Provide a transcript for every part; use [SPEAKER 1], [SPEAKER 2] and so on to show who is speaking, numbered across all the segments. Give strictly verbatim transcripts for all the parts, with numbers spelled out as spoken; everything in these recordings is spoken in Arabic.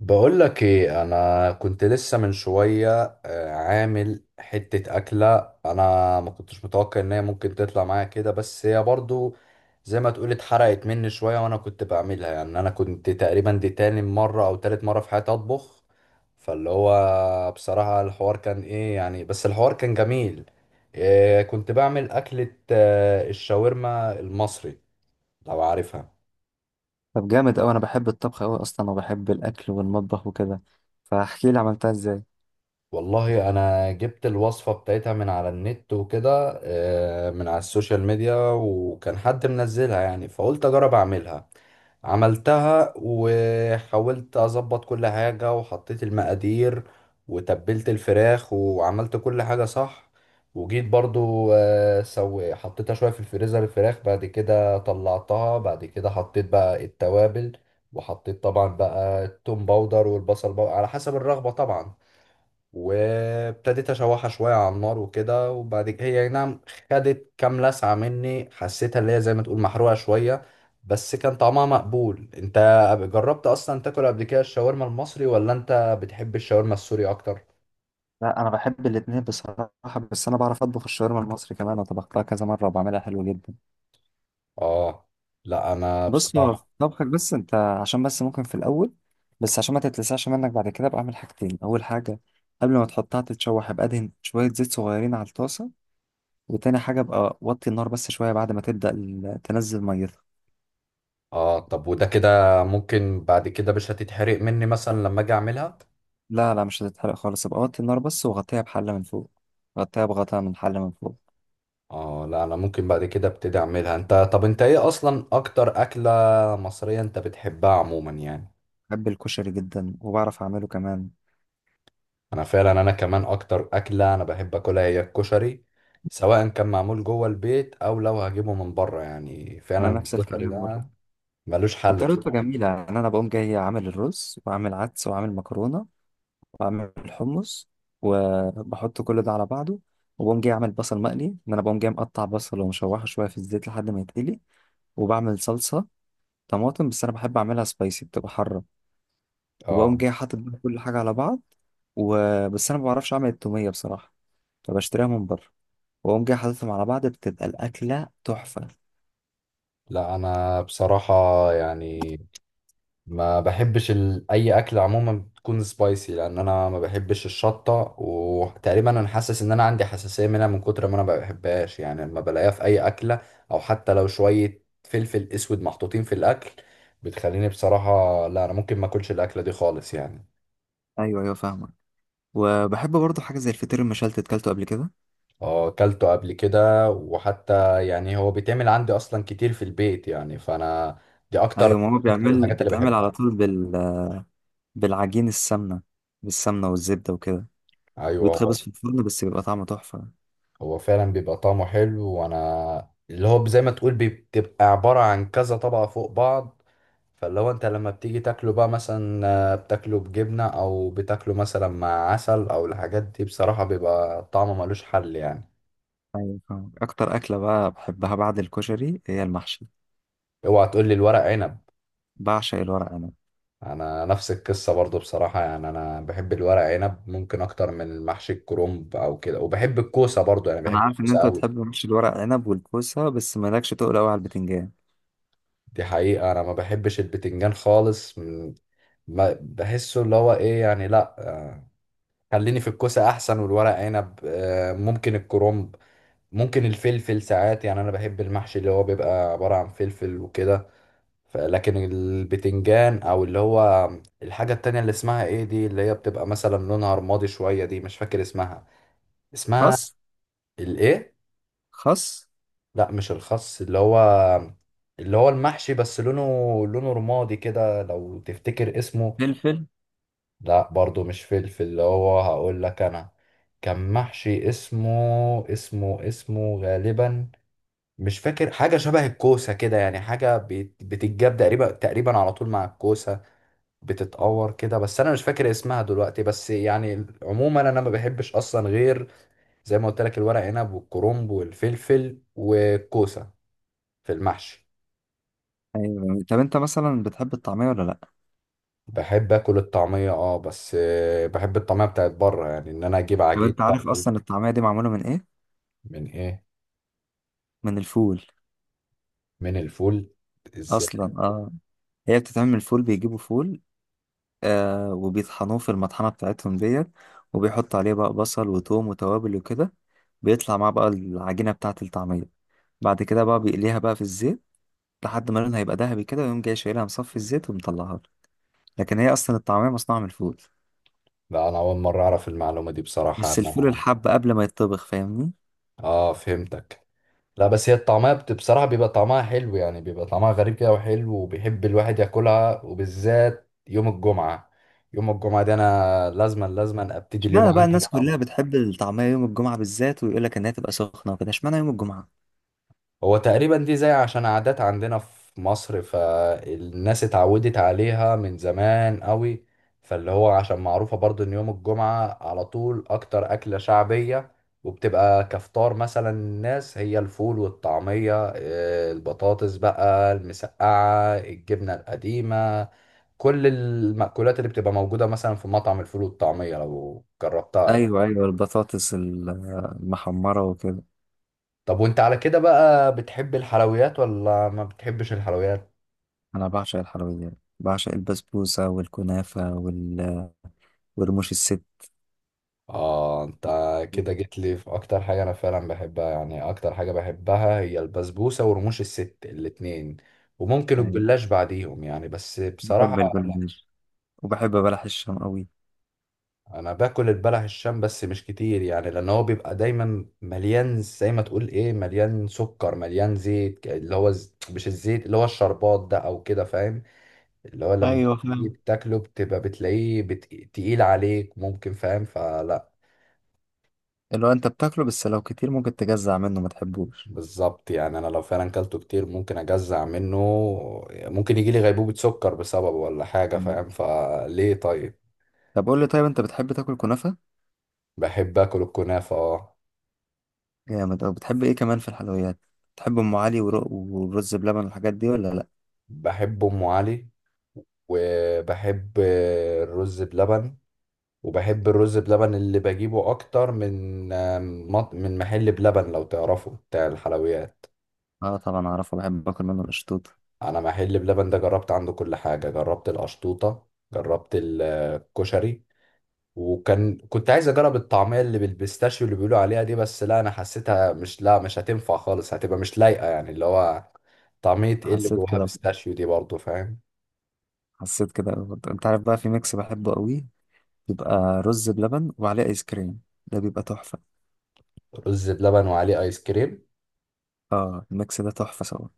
[SPEAKER 1] بقول لك ايه، انا كنت لسه من شويه آه، عامل حته اكله. انا ما كنتش متوقع ان هي ممكن تطلع معايا كده، بس هي برضو زي ما تقول اتحرقت مني شويه وانا كنت بعملها. يعني انا كنت تقريبا دي تاني مره او تالت مره في حياتي اطبخ، فاللي هو بصراحه الحوار كان ايه يعني، بس الحوار كان جميل. إيه، كنت بعمل اكله آه، الشاورما المصري، لو عارفها.
[SPEAKER 2] طب جامد أوي، أنا بحب الطبخ أوي أصلا وبحب الأكل والمطبخ وكده. فاحكي لي عملتها إزاي.
[SPEAKER 1] والله انا جبت الوصفة بتاعتها من على النت وكده، آه، من على السوشيال ميديا، وكان حد منزلها يعني، فقلت اجرب اعملها. عملتها وحاولت اظبط كل حاجة وحطيت المقادير وتبلت الفراخ وعملت كل حاجة صح، وجيت برضو آه، سو حطيتها شوية في الفريزر الفراخ، بعد كده طلعتها، بعد كده حطيت بقى التوابل، وحطيت طبعا بقى التوم باودر والبصل باودر على حسب الرغبة طبعا، وابتديت اشوحها شويه على النار وكده، وبعد كده هي أي نعم خدت كام لسعه مني، حسيتها اللي هي زي ما تقول محروقه شويه، بس كان طعمها مقبول. انت جربت اصلا تاكل قبل كده الشاورما المصري، ولا انت بتحب الشاورما السوري اكتر؟
[SPEAKER 2] لا، أنا بحب الاتنين بصراحة. بس أنا بعرف أطبخ الشاورما المصري كمان، أنا طبختها كذا مرة وبعملها حلو جدا.
[SPEAKER 1] اه. لا انا
[SPEAKER 2] بص، هو في
[SPEAKER 1] بصراحه.
[SPEAKER 2] طبخك بس أنت، عشان بس ممكن في الأول، بس عشان ما تتلسعش منك بعد كده، بعمل حاجتين. أول حاجة، قبل ما تحطها تتشوح، أبقى أدهن شوية زيت صغيرين على الطاسة. وتاني حاجة، أبقى وطي النار بس شوية بعد ما تبدأ ال- تنزل ميتها.
[SPEAKER 1] اه، طب وده كده ممكن بعد كده مش هتتحرق مني مثلا لما اجي اعملها؟
[SPEAKER 2] لا، لا، مش هتتحرق خالص. أبقى وطي النار بس وغطيها بحلة من فوق. غطيها بغطاء من حلة من فوق.
[SPEAKER 1] اه، لا انا ممكن بعد كده ابتدي اعملها. انت طب انت ايه اصلا اكتر اكله مصريه انت بتحبها عموما يعني؟
[SPEAKER 2] بحب الكشري جدا وبعرف اعمله كمان.
[SPEAKER 1] انا فعلا انا كمان اكتر اكله انا بحب اكلها هي الكشري، سواء كان معمول جوه البيت او لو هجيبه من بره، يعني
[SPEAKER 2] انا
[SPEAKER 1] فعلا
[SPEAKER 2] نفس
[SPEAKER 1] الكشري
[SPEAKER 2] الكلام
[SPEAKER 1] ده
[SPEAKER 2] برضه.
[SPEAKER 1] ملوش حل
[SPEAKER 2] وطريقته
[SPEAKER 1] بصراحه.
[SPEAKER 2] جميله، يعني انا بقوم جاي عامل الرز واعمل عدس واعمل مكرونه واعمل الحمص، وبحط كل ده على بعضه. وبقوم جاي اعمل بصل مقلي، ان انا بقوم جاي مقطع بصل ومشوحه شويه في الزيت لحد ما يتقلي. وبعمل صلصه طماطم، بس انا بحب اعملها سبايسي، بتبقى حاره. وبقوم
[SPEAKER 1] اه.
[SPEAKER 2] جاي حاطط بقى كل حاجه على بعض. وبس انا ما بعرفش اعمل التوميه بصراحه، فبشتريها من بره. واقوم جاي حاططهم على بعض، بتبقى الاكله تحفه.
[SPEAKER 1] لا انا بصراحه يعني ما بحبش ال... اي اكل عموما بتكون سبايسي، لان انا ما بحبش الشطه، وتقريبا انا حاسس ان انا عندي حساسيه منها من كتر ما انا ما بحبهاش، يعني لما بلاقيها في اي اكله او حتى لو شويه فلفل اسود محطوطين في الاكل بتخليني بصراحه، لا انا ممكن ما اكلش الاكله دي خالص يعني.
[SPEAKER 2] ايوه، ايوه، فاهمك. وبحب برضه حاجة زي الفطير المشلتت، كلته قبل كده؟
[SPEAKER 1] اه، اكلته قبل كده، وحتى يعني هو بيتعمل عندي اصلا كتير في البيت يعني، فانا دي اكتر
[SPEAKER 2] أيوة، ماما
[SPEAKER 1] اكتر
[SPEAKER 2] بيعمل
[SPEAKER 1] الحاجات اللي
[SPEAKER 2] بيتعمل على
[SPEAKER 1] بحبها.
[SPEAKER 2] طول بال... بالعجين، السمنة، بالسمنة والزبدة وكده.
[SPEAKER 1] ايوه.
[SPEAKER 2] بيتخبز في الفرن بس بيبقى طعمه تحفة.
[SPEAKER 1] هو فعلا بيبقى طعمه حلو، وانا اللي هو زي ما تقول بتبقى عبارة عن كذا طبقة فوق بعض، فاللي هو انت لما بتيجي تاكله بقى مثلا آه، بتاكله بجبنة او بتاكله مثلا مع عسل او الحاجات دي، بصراحة بيبقى طعمه ملوش حل يعني.
[SPEAKER 2] أيوة فاهم. أكتر أكلة بقى بحبها بعد الكشري هي المحشي.
[SPEAKER 1] اوعى تقول لي الورق عنب.
[SPEAKER 2] بعشق الورق عنب.
[SPEAKER 1] انا نفس القصة برضو بصراحة، يعني انا بحب الورق عنب ممكن اكتر من محشي الكرنب او كده، وبحب الكوسة برضو، يعني
[SPEAKER 2] أنا
[SPEAKER 1] بحب
[SPEAKER 2] عارف إن
[SPEAKER 1] الكوسة
[SPEAKER 2] أنت
[SPEAKER 1] قوي.
[SPEAKER 2] بتحب محشي الورق عنب والكوسة، بس مالكش تقول أوي على البتنجان.
[SPEAKER 1] دي حقيقة، انا ما بحبش البتنجان خالص. م- ب- بحسه اللي هو ايه يعني، لا آه، خليني في الكوسة احسن، والورق عنب آه، ممكن الكرنب، ممكن الفلفل ساعات، يعني انا بحب المحشي اللي هو بيبقى عبارة عن فلفل وكده. ف- لكن البتنجان او اللي هو الحاجة التانية اللي اسمها ايه دي، اللي هي بتبقى مثلا لونها رمادي شوية، دي مش فاكر اسمها. اسمها.
[SPEAKER 2] خس.
[SPEAKER 1] الايه؟
[SPEAKER 2] خس.
[SPEAKER 1] لا مش الخس، اللي هو اللي هو المحشي بس لونه، لونه رمادي كده، لو تفتكر اسمه.
[SPEAKER 2] فلفل.
[SPEAKER 1] لا برضو مش فلفل، اللي هو هقول لك انا كان محشي اسمه، اسمه اسمه غالبا مش فاكر. حاجة شبه الكوسة كده يعني، حاجة بت- بتتجاب تقريبا تقريبا على طول مع الكوسة، بتتقور كده، بس انا مش فاكر اسمها دلوقتي. بس يعني عموما انا ما بحبش اصلا غير زي ما قلت لك الورق عنب والكرنب والفلفل والكوسة في المحشي.
[SPEAKER 2] أيوة، طب أنت مثلا بتحب الطعمية ولا لأ؟
[SPEAKER 1] بحب اكل الطعمية اه، بس آه، بحب الطعمية بتاعت بره، يعني ان انا اجيب
[SPEAKER 2] طب
[SPEAKER 1] عجينة
[SPEAKER 2] أنت
[SPEAKER 1] بقى.
[SPEAKER 2] عارف أصلا الطعمية دي معمولة من إيه؟
[SPEAKER 1] من ايه؟
[SPEAKER 2] من الفول.
[SPEAKER 1] من الفول؟ ازاي؟
[SPEAKER 2] أصلا آه، هي بتتعمل فول، بيجيبوا فول آه، وبيطحنوه في المطحنة بتاعتهم ديت، وبيحطوا عليه بقى بصل وتوم وتوابل وكده، بيطلع معاه بقى العجينة بتاعة الطعمية. بعد كده بقى بيقليها بقى في الزيت لحد ما لونها يبقى ذهبي كده، ويقوم جاي شايلها مصفي الزيت ومطلعها له. لكن هي أصلا الطعمية مصنوعة من الفول،
[SPEAKER 1] لا انا اول مره اعرف المعلومه دي بصراحه
[SPEAKER 2] بس الفول
[SPEAKER 1] انا.
[SPEAKER 2] الحب قبل ما يتطبخ، فاهمني؟
[SPEAKER 1] اه، فهمتك. لا بس هي الطعميه بت- بصراحه بيبقى طعمها حلو، يعني بيبقى طعمها غريب كده وحلو، وبيحب الواحد ياكلها وبالذات يوم الجمعه. يوم الجمعه دي انا لازما لازما ابتدي اليوم
[SPEAKER 2] اشمعنى بقى
[SPEAKER 1] عندي
[SPEAKER 2] الناس
[SPEAKER 1] طعم.
[SPEAKER 2] كلها بتحب الطعمية يوم الجمعة بالذات، ويقول لك إنها تبقى سخنة وكده؟ اشمعنى يوم الجمعة؟
[SPEAKER 1] هو تقريبا دي زي عشان عادات عندنا في مصر، فالناس اتعودت عليها من زمان قوي، فاللي هو عشان معروفة برضو ان يوم الجمعة على طول اكتر اكلة شعبية، وبتبقى كفطار مثلا الناس هي الفول والطعمية آه، البطاطس بقى، المسقعة، الجبنة القديمة، كل المأكولات اللي بتبقى موجودة مثلا في مطعم الفول والطعمية لو جربتها.
[SPEAKER 2] أيوه، أيوه، البطاطس ال- المحمرة وكده.
[SPEAKER 1] طب وانت على كده بقى بتحب الحلويات ولا ما بتحبش الحلويات؟
[SPEAKER 2] انا بعشق الحلويات. بعشق البسبوسه والكنافه وال... ورموش الست.
[SPEAKER 1] اه انت كده جيت لي في اكتر حاجه انا فعلا بحبها، يعني اكتر حاجه بحبها هي البسبوسه ورموش الست الاتنين، وممكن
[SPEAKER 2] يعني
[SPEAKER 1] الجلاش بعديهم يعني، بس بصراحه.
[SPEAKER 2] بحب
[SPEAKER 1] لا
[SPEAKER 2] الجلاش. وبحب بلح الشام قوي.
[SPEAKER 1] انا باكل البلح الشام بس مش كتير، يعني لان هو بيبقى دايما مليان زي ما تقول ايه، مليان سكر مليان زيت، اللي هو ز... مش الزيت، اللي هو الشربات ده او كده، فاهم؟ اللي هو لما
[SPEAKER 2] ايوه
[SPEAKER 1] تيجي
[SPEAKER 2] فاهم،
[SPEAKER 1] تاكله بتبقى بتلاقيه بت... تقيل عليك ممكن، فاهم؟ فلا.
[SPEAKER 2] اللي هو انت بتاكله بس لو كتير ممكن تجزع منه، ما تحبوش.
[SPEAKER 1] بالظبط يعني، انا لو فعلا كلته كتير ممكن اجزع منه، ممكن يجي لي غيبوبة سكر بسببه ولا حاجة،
[SPEAKER 2] مم.
[SPEAKER 1] فاهم؟ فليه طيب.
[SPEAKER 2] طب قول لي، طيب انت بتحب تاكل كنافه؟
[SPEAKER 1] بحب اكل الكنافة اه.
[SPEAKER 2] جامد. او بتحب ايه كمان في الحلويات؟ بتحب ام علي، ورق ورز بلبن، والحاجات دي ولا لا؟
[SPEAKER 1] بحب ام علي، وبحب الرز بلبن، وبحب الرز بلبن اللي بجيبه اكتر من مط- من محل بلبن لو تعرفه، بتاع الحلويات.
[SPEAKER 2] اه طبعا اعرفه، بحب اكل منه القشطوط.
[SPEAKER 1] انا محل بلبن ده جربت عنده كل حاجة، جربت القشطوطة، جربت الكشري، وكان كنت عايز اجرب الطعميه اللي بالبيستاشيو اللي بيقولوا عليها دي، بس لا انا حسيتها مش، لا مش هتنفع خالص، هتبقى مش لايقه يعني، اللي هو طعميه ايه اللي
[SPEAKER 2] حسيت
[SPEAKER 1] جواها
[SPEAKER 2] كده.
[SPEAKER 1] بيستاشيو دي برضو، فاهم؟
[SPEAKER 2] حسيت كده برضه. انت عارف بقى، في ميكس بحبه قوي. بيبقى رز بلبن وعليه ايس كريم. ده بيبقى تحفه.
[SPEAKER 1] رز بلبن وعليه ايس كريم؟
[SPEAKER 2] اه، الميكس ده تحفة سوا.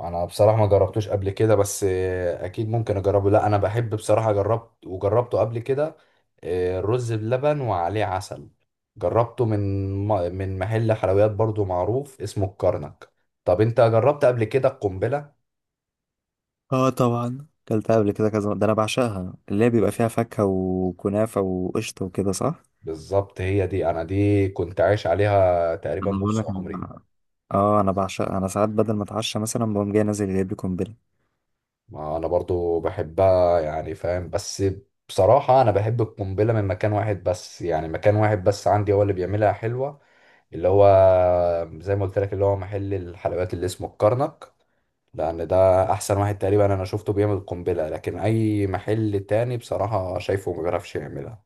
[SPEAKER 1] انا بصراحه ما جربتوش قبل كده، بس آه، اكيد ممكن اجربه. لا انا بحب بصراحه، جربت وجربته قبل كده، آه، الرز بلبن وعليه عسل، جربته من م- من محل حلويات برضو معروف اسمه الكرنك. طب انت جربت قبل كده القنبله؟
[SPEAKER 2] اه طبعا كلتها قبل كده كذا مرة. ده انا بعشقها، اللي هي بيبقى فيها فاكهة وكنافة وقشطة وكده، صح؟
[SPEAKER 1] بالظبط هي دي، انا دي كنت عايش عليها تقريبا
[SPEAKER 2] انا بقول
[SPEAKER 1] نص
[SPEAKER 2] لك، أنا
[SPEAKER 1] عمري.
[SPEAKER 2] بع- اه انا بعشقها. انا ساعات بدل ما اتعشى مثلا بقوم جاي نازل جايب لي قنبلة.
[SPEAKER 1] ما انا برضو بحبها يعني، فاهم؟ بس بصراحة انا بحب القنبلة من مكان واحد بس، يعني مكان واحد بس عندي هو اللي بيعملها حلوة، اللي هو زي ما قلت لك اللي هو محل الحلويات اللي اسمه الكرنك، لان ده احسن واحد تقريبا انا شفته بيعمل قنبلة، لكن اي محل تاني بصراحة شايفه ما بيعرفش يعملها.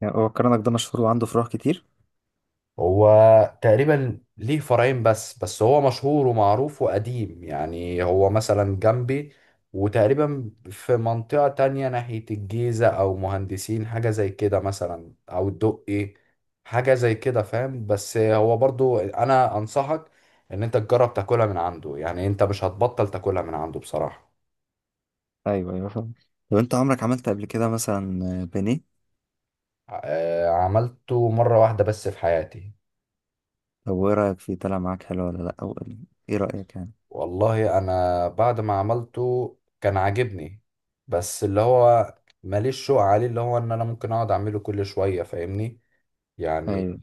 [SPEAKER 2] يعني هو الكرنك ده مشهور وعنده فروع كتير؟
[SPEAKER 1] هو تقريبا ليه فرعين بس بس هو مشهور ومعروف وقديم، يعني هو مثلا جنبي، وتقريبا في منطقة تانية ناحية الجيزة أو مهندسين حاجة زي كده مثلا، أو الدقي حاجة زي كده، فاهم؟ بس هو برضو أنا أنصحك إن أنت تجرب تاكلها من عنده، يعني أنت مش هتبطل تاكلها من عنده بصراحة.
[SPEAKER 2] ايوه، ايوه، فاهم. طب انت عمرك عملت قبل كده مثلا بانيه؟
[SPEAKER 1] آه، عملته مرة واحدة بس في حياتي.
[SPEAKER 2] طب وايه رأيك فيه؟ طلع معاك حلو ولا لا؟ او ايه رأيك يعني؟
[SPEAKER 1] والله انا بعد ما عملته كان عاجبني، بس اللي هو ماليش شوق عليه، اللي هو ان انا ممكن اقعد اعمله كل شوية، فاهمني
[SPEAKER 2] ايوه،
[SPEAKER 1] يعني.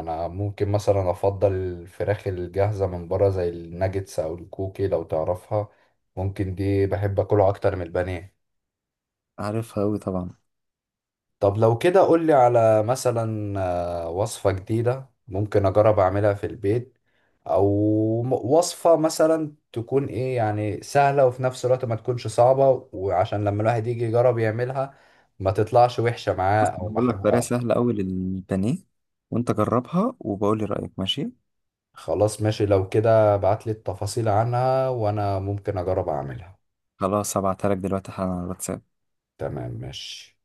[SPEAKER 1] انا ممكن مثلا افضل الفراخ الجاهزة من بره زي الناجتس او الكوكي لو تعرفها، ممكن دي بحب اكله اكتر من البانيه.
[SPEAKER 2] عارفها اوي طبعا.
[SPEAKER 1] طب لو كده قولي على مثلا آه، وصفة جديدة ممكن أجرب أعملها في البيت، أو م- وصفة مثلا تكون إيه، يعني سهلة وفي نفس الوقت ما تكونش صعبة، وعشان لما الواحد يجي يجرب يعملها ما تطلعش وحشة معاه
[SPEAKER 2] بص،
[SPEAKER 1] أو
[SPEAKER 2] أنا هقول لك طريقة
[SPEAKER 1] محروقة.
[SPEAKER 2] سهلة اوي للبانيه، وانت جربها وبقول لي رأيك، ماشي؟
[SPEAKER 1] خلاص ماشي، لو كده ابعتلي التفاصيل عنها وأنا ممكن أجرب أعملها.
[SPEAKER 2] خلاص، هبعتها لك دلوقتي حالا على الواتساب.
[SPEAKER 1] تمام ماشي.